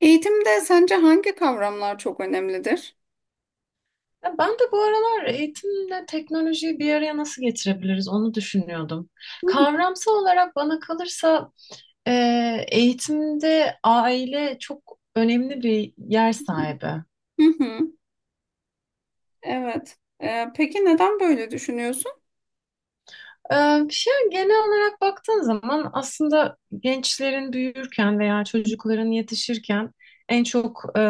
Eğitimde sence hangi kavramlar çok önemlidir? Ya, ben de bu aralar eğitimle teknolojiyi bir araya nasıl getirebiliriz onu düşünüyordum. Hı Kavramsal olarak bana kalırsa, e, eğitimde aile çok önemli bir yer sahibi. hı. Hı. Evet. Peki neden böyle düşünüyorsun? E, Bir şey, genel olarak baktığın zaman aslında gençlerin büyürken veya çocukların yetişirken en çok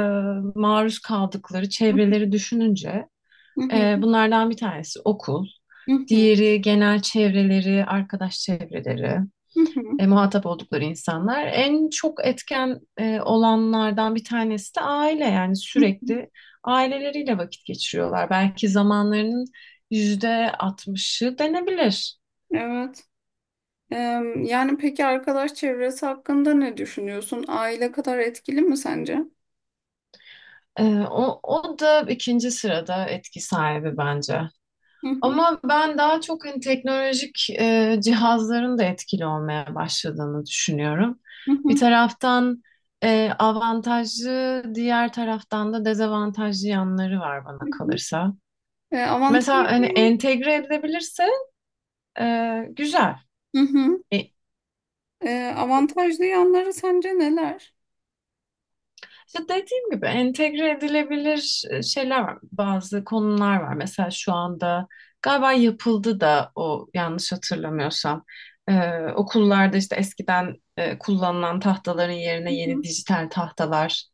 maruz kaldıkları Hı çevreleri düşününce hı, bunlardan bir tanesi okul, hı hı, diğeri genel çevreleri, arkadaş çevreleri. hı hı, Muhatap oldukları insanlar. En çok etken olanlardan bir tanesi de aile, yani hı hı. sürekli aileleriyle vakit geçiriyorlar. Belki zamanlarının yüzde 60'ı denebilir. Evet. Ee, Yani peki arkadaş çevresi hakkında ne düşünüyorsun? Aile kadar etkili mi sence? E, o da ikinci sırada etki sahibi bence. Hı hı, Ama ben daha çok hani teknolojik cihazların da etkili olmaya başladığını düşünüyorum. hı Bir hı, taraftan avantajlı, diğer taraftan da dezavantajlı yanları var hı bana hı. kalırsa. Mesela hani Avantajlı, entegre edilebilirse e, güzel. hı hı. E, Avantajlı yanları sence neler? işte dediğim gibi entegre edilebilir şeyler var. Bazı konular var. Mesela şu anda galiba yapıldı da o, yanlış hatırlamıyorsam. E, okullarda işte eskiden kullanılan tahtaların Hı yerine yeni hı. dijital tahtalar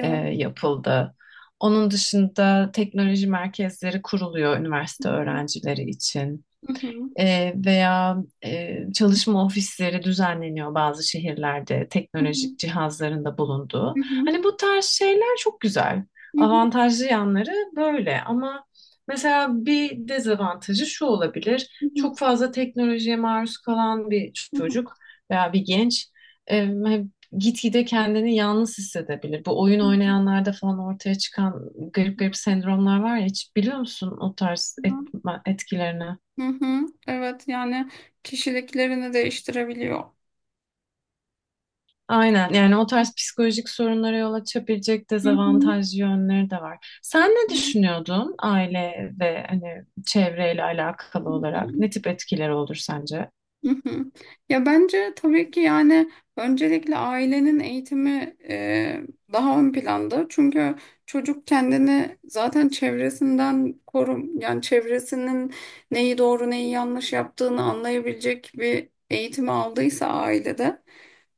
yapıldı. Onun dışında teknoloji merkezleri kuruluyor Hı üniversite öğrencileri için. hı, Veya çalışma ofisleri düzenleniyor bazı şehirlerde, hı hı, hı hı, teknolojik cihazların da bulunduğu. hı hı, Hani bu tarz şeyler çok güzel. hı Avantajlı yanları böyle, ama mesela bir dezavantajı şu hı, olabilir. Çok fazla teknolojiye maruz kalan bir hı hı, çocuk veya bir genç e, gitgide kendini yalnız hissedebilir. Bu oyun hı hı. oynayanlarda falan ortaya çıkan garip Hı garip sendromlar var ya, hiç biliyor musun o tarz etkilerini? hı. Evet, yani kişiliklerini değiştirebiliyor. Aynen, yani o tarz psikolojik sorunlara yol açabilecek Hı hı. dezavantajlı yönleri de var. Sen ne Hı düşünüyordun, aile ve hani çevreyle alakalı olarak hı. ne tip etkileri olur sence? Hı hı. Ya bence tabii ki yani öncelikle ailenin eğitimi, daha ön planda. Çünkü çocuk kendini zaten çevresinden korum, yani çevresinin neyi doğru neyi yanlış yaptığını anlayabilecek bir eğitimi aldıysa ailede,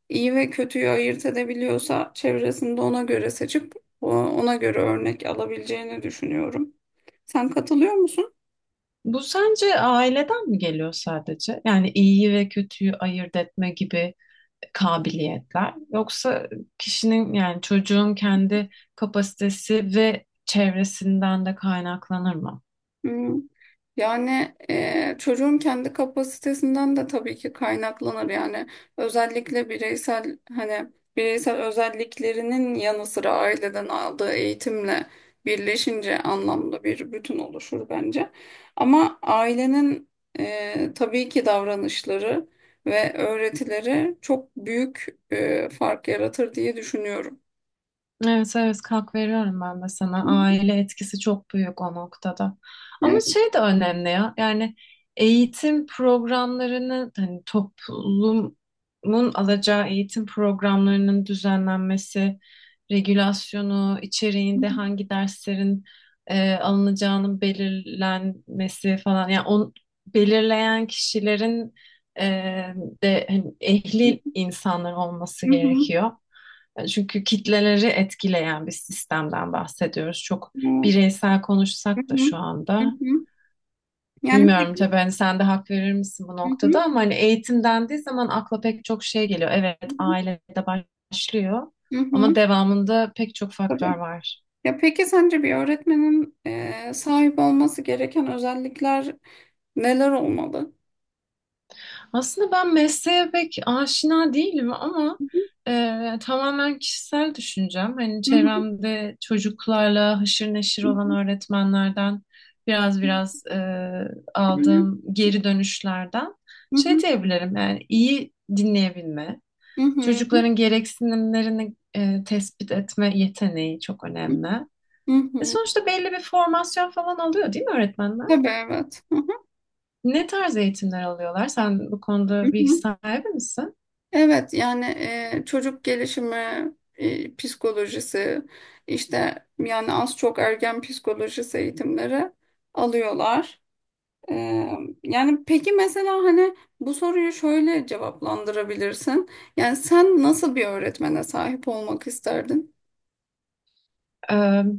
iyi ve kötüyü ayırt edebiliyorsa çevresinde ona göre seçip ona göre örnek alabileceğini düşünüyorum. Sen katılıyor musun? Bu sence aileden mi geliyor sadece? Yani iyiyi ve kötüyü ayırt etme gibi kabiliyetler yoksa kişinin, yani çocuğun kendi kapasitesi ve çevresinden de kaynaklanır mı? Hmm. Yani çocuğun kendi kapasitesinden de tabii ki kaynaklanır. Yani özellikle bireysel hani bireysel özelliklerinin yanı sıra aileden aldığı eğitimle birleşince anlamlı bir bütün oluşur bence. Ama ailenin tabii ki davranışları ve öğretileri çok büyük fark yaratır diye düşünüyorum. Evet, evet, kalk veriyorum ben de sana. Aile etkisi çok büyük o noktada. Ama Evet. şey de önemli ya. Yani eğitim programlarını, hani toplumun alacağı eğitim programlarının düzenlenmesi, regülasyonu, Hı içeriğinde hı. hangi derslerin alınacağının belirlenmesi falan. Yani belirleyen kişilerin e, de hani ehli insanlar olması Hı hı. gerekiyor. Çünkü kitleleri etkileyen bir sistemden bahsediyoruz. Çok Evet. bireysel Hı konuşsak da hı. şu Hı anda. hı. Yani Bilmiyorum peki. tabii, hani sen de hak verir misin bu Hı hı. noktada, ama hani eğitim dendiği zaman akla pek çok şey geliyor. Evet, ailede başlıyor Hı hı, ama devamında pek çok tabii. faktör var. Ya peki sence bir öğretmenin sahip olması gereken özellikler neler olmalı? Aslında ben mesleğe pek aşina değilim ama tamamen kişisel düşüncem. Hani Hı hı, çevremde çocuklarla haşır neşir hı olan hı, öğretmenlerden biraz biraz aldığım geri dönüşlerden hı şey hı, diyebilirim. Yani iyi dinleyebilme, hı hı, çocukların gereksinimlerini tespit etme yeteneği çok önemli. hı E hı. sonuçta belli bir formasyon falan alıyor değil mi öğretmenler? Tabii, evet. Hı hı, Ne tarz eğitimler alıyorlar? Sen bu hı konuda bilgi hı. sahibi misin? Evet, yani çocuk gelişimi, psikolojisi, işte yani az çok ergen psikolojisi eğitimleri alıyorlar. Ee, Yani peki mesela hani bu soruyu şöyle cevaplandırabilirsin. Yani sen nasıl bir öğretmene sahip olmak isterdin? Ee,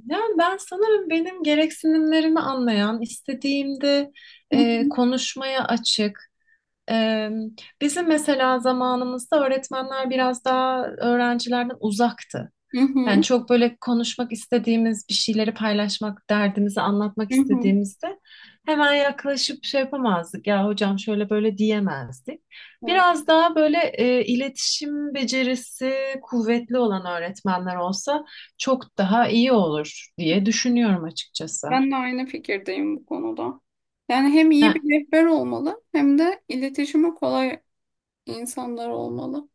yani ben sanırım benim gereksinimlerimi anlayan, istediğimde Hı hı, konuşmaya açık. Ee, bizim mesela zamanımızda öğretmenler biraz daha öğrencilerden uzaktı. hı Yani hı, çok böyle konuşmak istediğimiz bir şeyleri paylaşmak, derdimizi anlatmak hı hı. istediğimizde hemen yaklaşıp şey yapamazdık. Ya hocam, şöyle böyle diyemezdik. Evet, Biraz daha böyle iletişim becerisi kuvvetli olan öğretmenler olsa çok daha iyi olur diye düşünüyorum açıkçası. ben de aynı fikirdeyim bu konuda. Yani hem iyi Yani bir rehber olmalı hem de iletişimi kolay insanlar olmalı.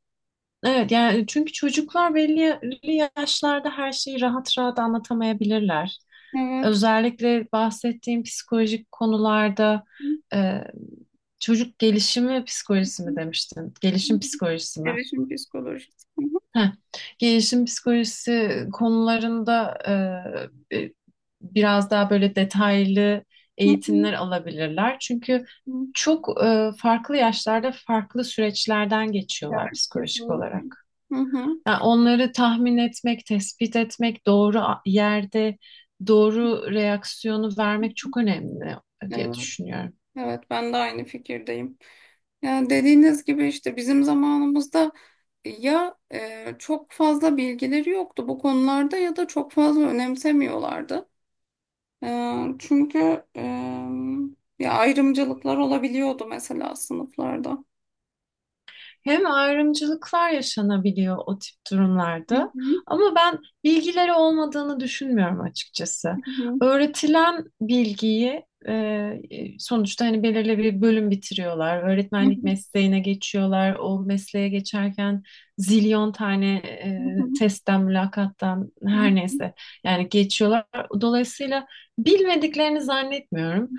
evet, yani çünkü çocuklar belli belli yaşlarda her şeyi rahat rahat anlatamayabilirler. Evet. Özellikle bahsettiğim psikolojik konularda Hı e, çocuk gelişimi psikolojisi hı, mi demiştin? hı. Gelişim psikolojisi mi? Gelişim psikolojisi. Hı hı, Heh. Gelişim psikolojisi konularında e, e, biraz daha böyle detaylı hı hı, eğitimler alabilirler. Çünkü hı. çok farklı yaşlarda farklı süreçlerden geçiyorlar Evet, psikolojik kesinlikle. olarak. Hı hı. Yani onları tahmin etmek, tespit etmek, doğru yerde doğru reaksiyonu vermek çok önemli diye Evet, düşünüyorum. evet, ben de aynı fikirdeyim. Yani dediğiniz gibi işte bizim zamanımızda ya, çok fazla bilgileri yoktu bu konularda ya da çok fazla önemsemiyorlardı. E, Çünkü, ya ayrımcılıklar olabiliyordu mesela sınıflarda. Hem ayrımcılıklar yaşanabiliyor o tip Hı durumlarda, hı, ama ben bilgileri olmadığını düşünmüyorum hı açıkçası. hı, Öğretilen bilgiyi sonuçta hani belirli bir bölüm bitiriyorlar. hı Öğretmenlik hı, mesleğine geçiyorlar. O mesleğe geçerken zilyon tane hı hı, testten, mülakattan, hı her hı, neyse yani, geçiyorlar. Dolayısıyla bilmediklerini zannetmiyorum.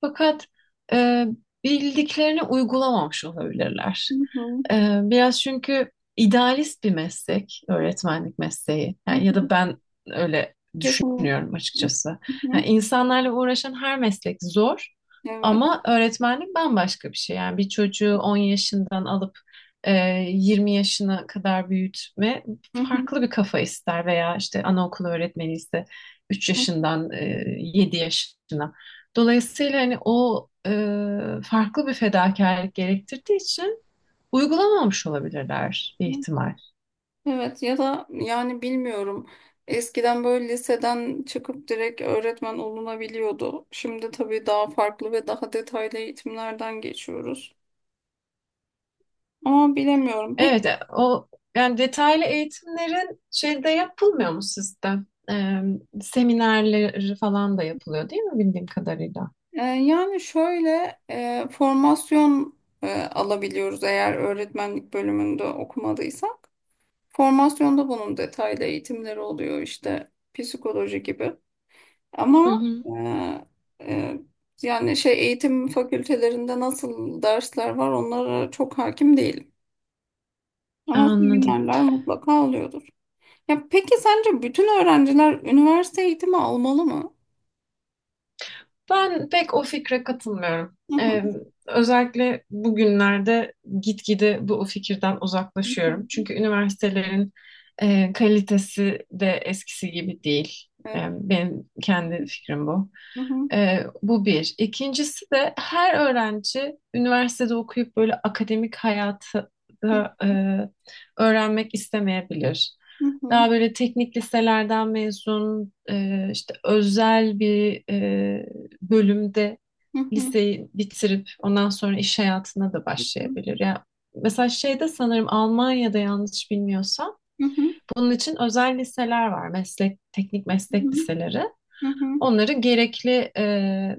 Fakat e, bildiklerini uygulamamış olabilirler. hı hı, E, biraz çünkü idealist bir meslek, öğretmenlik mesleği. hı Yani, ya hı. da ben öyle düşünüyorum Kesinlikle. açıkçası. Hı hı. Yani insanlarla uğraşan her meslek zor, Evet. ama öğretmenlik bambaşka bir şey. Yani bir çocuğu 10 yaşından alıp e, 20 yaşına kadar büyütme Hı hı. farklı bir kafa ister, veya işte anaokulu öğretmeni ise üç Hı yaşından 7 yaşına. Dolayısıyla hani o farklı bir fedakarlık gerektirdiği için uygulamamış olabilirler bir hı. ihtimal. Evet, ya da yani bilmiyorum. Eskiden böyle liseden çıkıp direkt öğretmen olunabiliyordu. Şimdi tabii daha farklı ve daha detaylı eğitimlerden geçiyoruz. Ama bilemiyorum. Pek Evet, o yani, detaylı eğitimlerin şeyde yapılmıyor mu sizde? E, seminerleri falan da yapılıyor değil mi bildiğim kadarıyla? Yani şöyle, formasyon alabiliyoruz eğer öğretmenlik bölümünde okumadıysa. Formasyonda bunun detaylı eğitimleri oluyor, işte psikoloji gibi. Hı Ama hı. E, yani şey, eğitim fakültelerinde nasıl dersler var onlara çok hakim değilim. Ama Anladım. seminerler mutlaka oluyordur. Ya peki sence bütün öğrenciler üniversite eğitimi almalı mı? Ben pek o fikre katılmıyorum. Hı Ee, hı. özellikle bugünlerde gitgide bu fikirden Hı uzaklaşıyorum. hı. Çünkü üniversitelerin kalitesi de eskisi gibi değil. Ee, Evet. benim kendi fikrim bu. Hı hı. Bu bir. İkincisi de her öğrenci üniversitede okuyup böyle akademik hayatı Hı da öğrenmek istemeyebilir. hı. Daha böyle teknik liselerden mezun, işte özel bir bölümde Hı hı. liseyi bitirip ondan sonra iş hayatına da Hı hı. başlayabilir. Ya mesela şeyde, sanırım Almanya'da, yanlış bilmiyorsam Hı hı. bunun için özel liseler var. Meslek, teknik meslek liseleri. Hı hı. Onları gerekli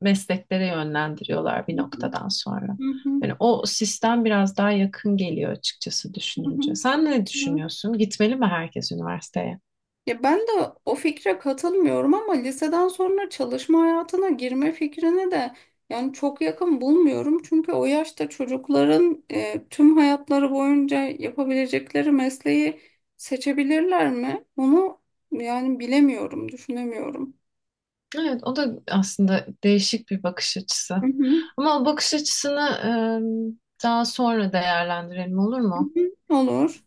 mesleklere yönlendiriyorlar bir Hı hı. noktadan sonra. Hı hı. Yani o sistem biraz daha yakın geliyor açıkçası Hı hı. düşününce. Sen ne Hı hı. düşünüyorsun? Gitmeli mi herkes üniversiteye? Ya ben de o fikre katılmıyorum ama liseden sonra çalışma hayatına girme fikrine de yani çok yakın bulmuyorum. Çünkü o yaşta çocukların tüm hayatları boyunca yapabilecekleri mesleği seçebilirler mi? Onu yani bilemiyorum, düşünemiyorum. Evet, o da aslında değişik bir bakış açısı. Hı hı. Ama o bakış açısını daha sonra değerlendirelim, olur Hı mu? hı. Olur.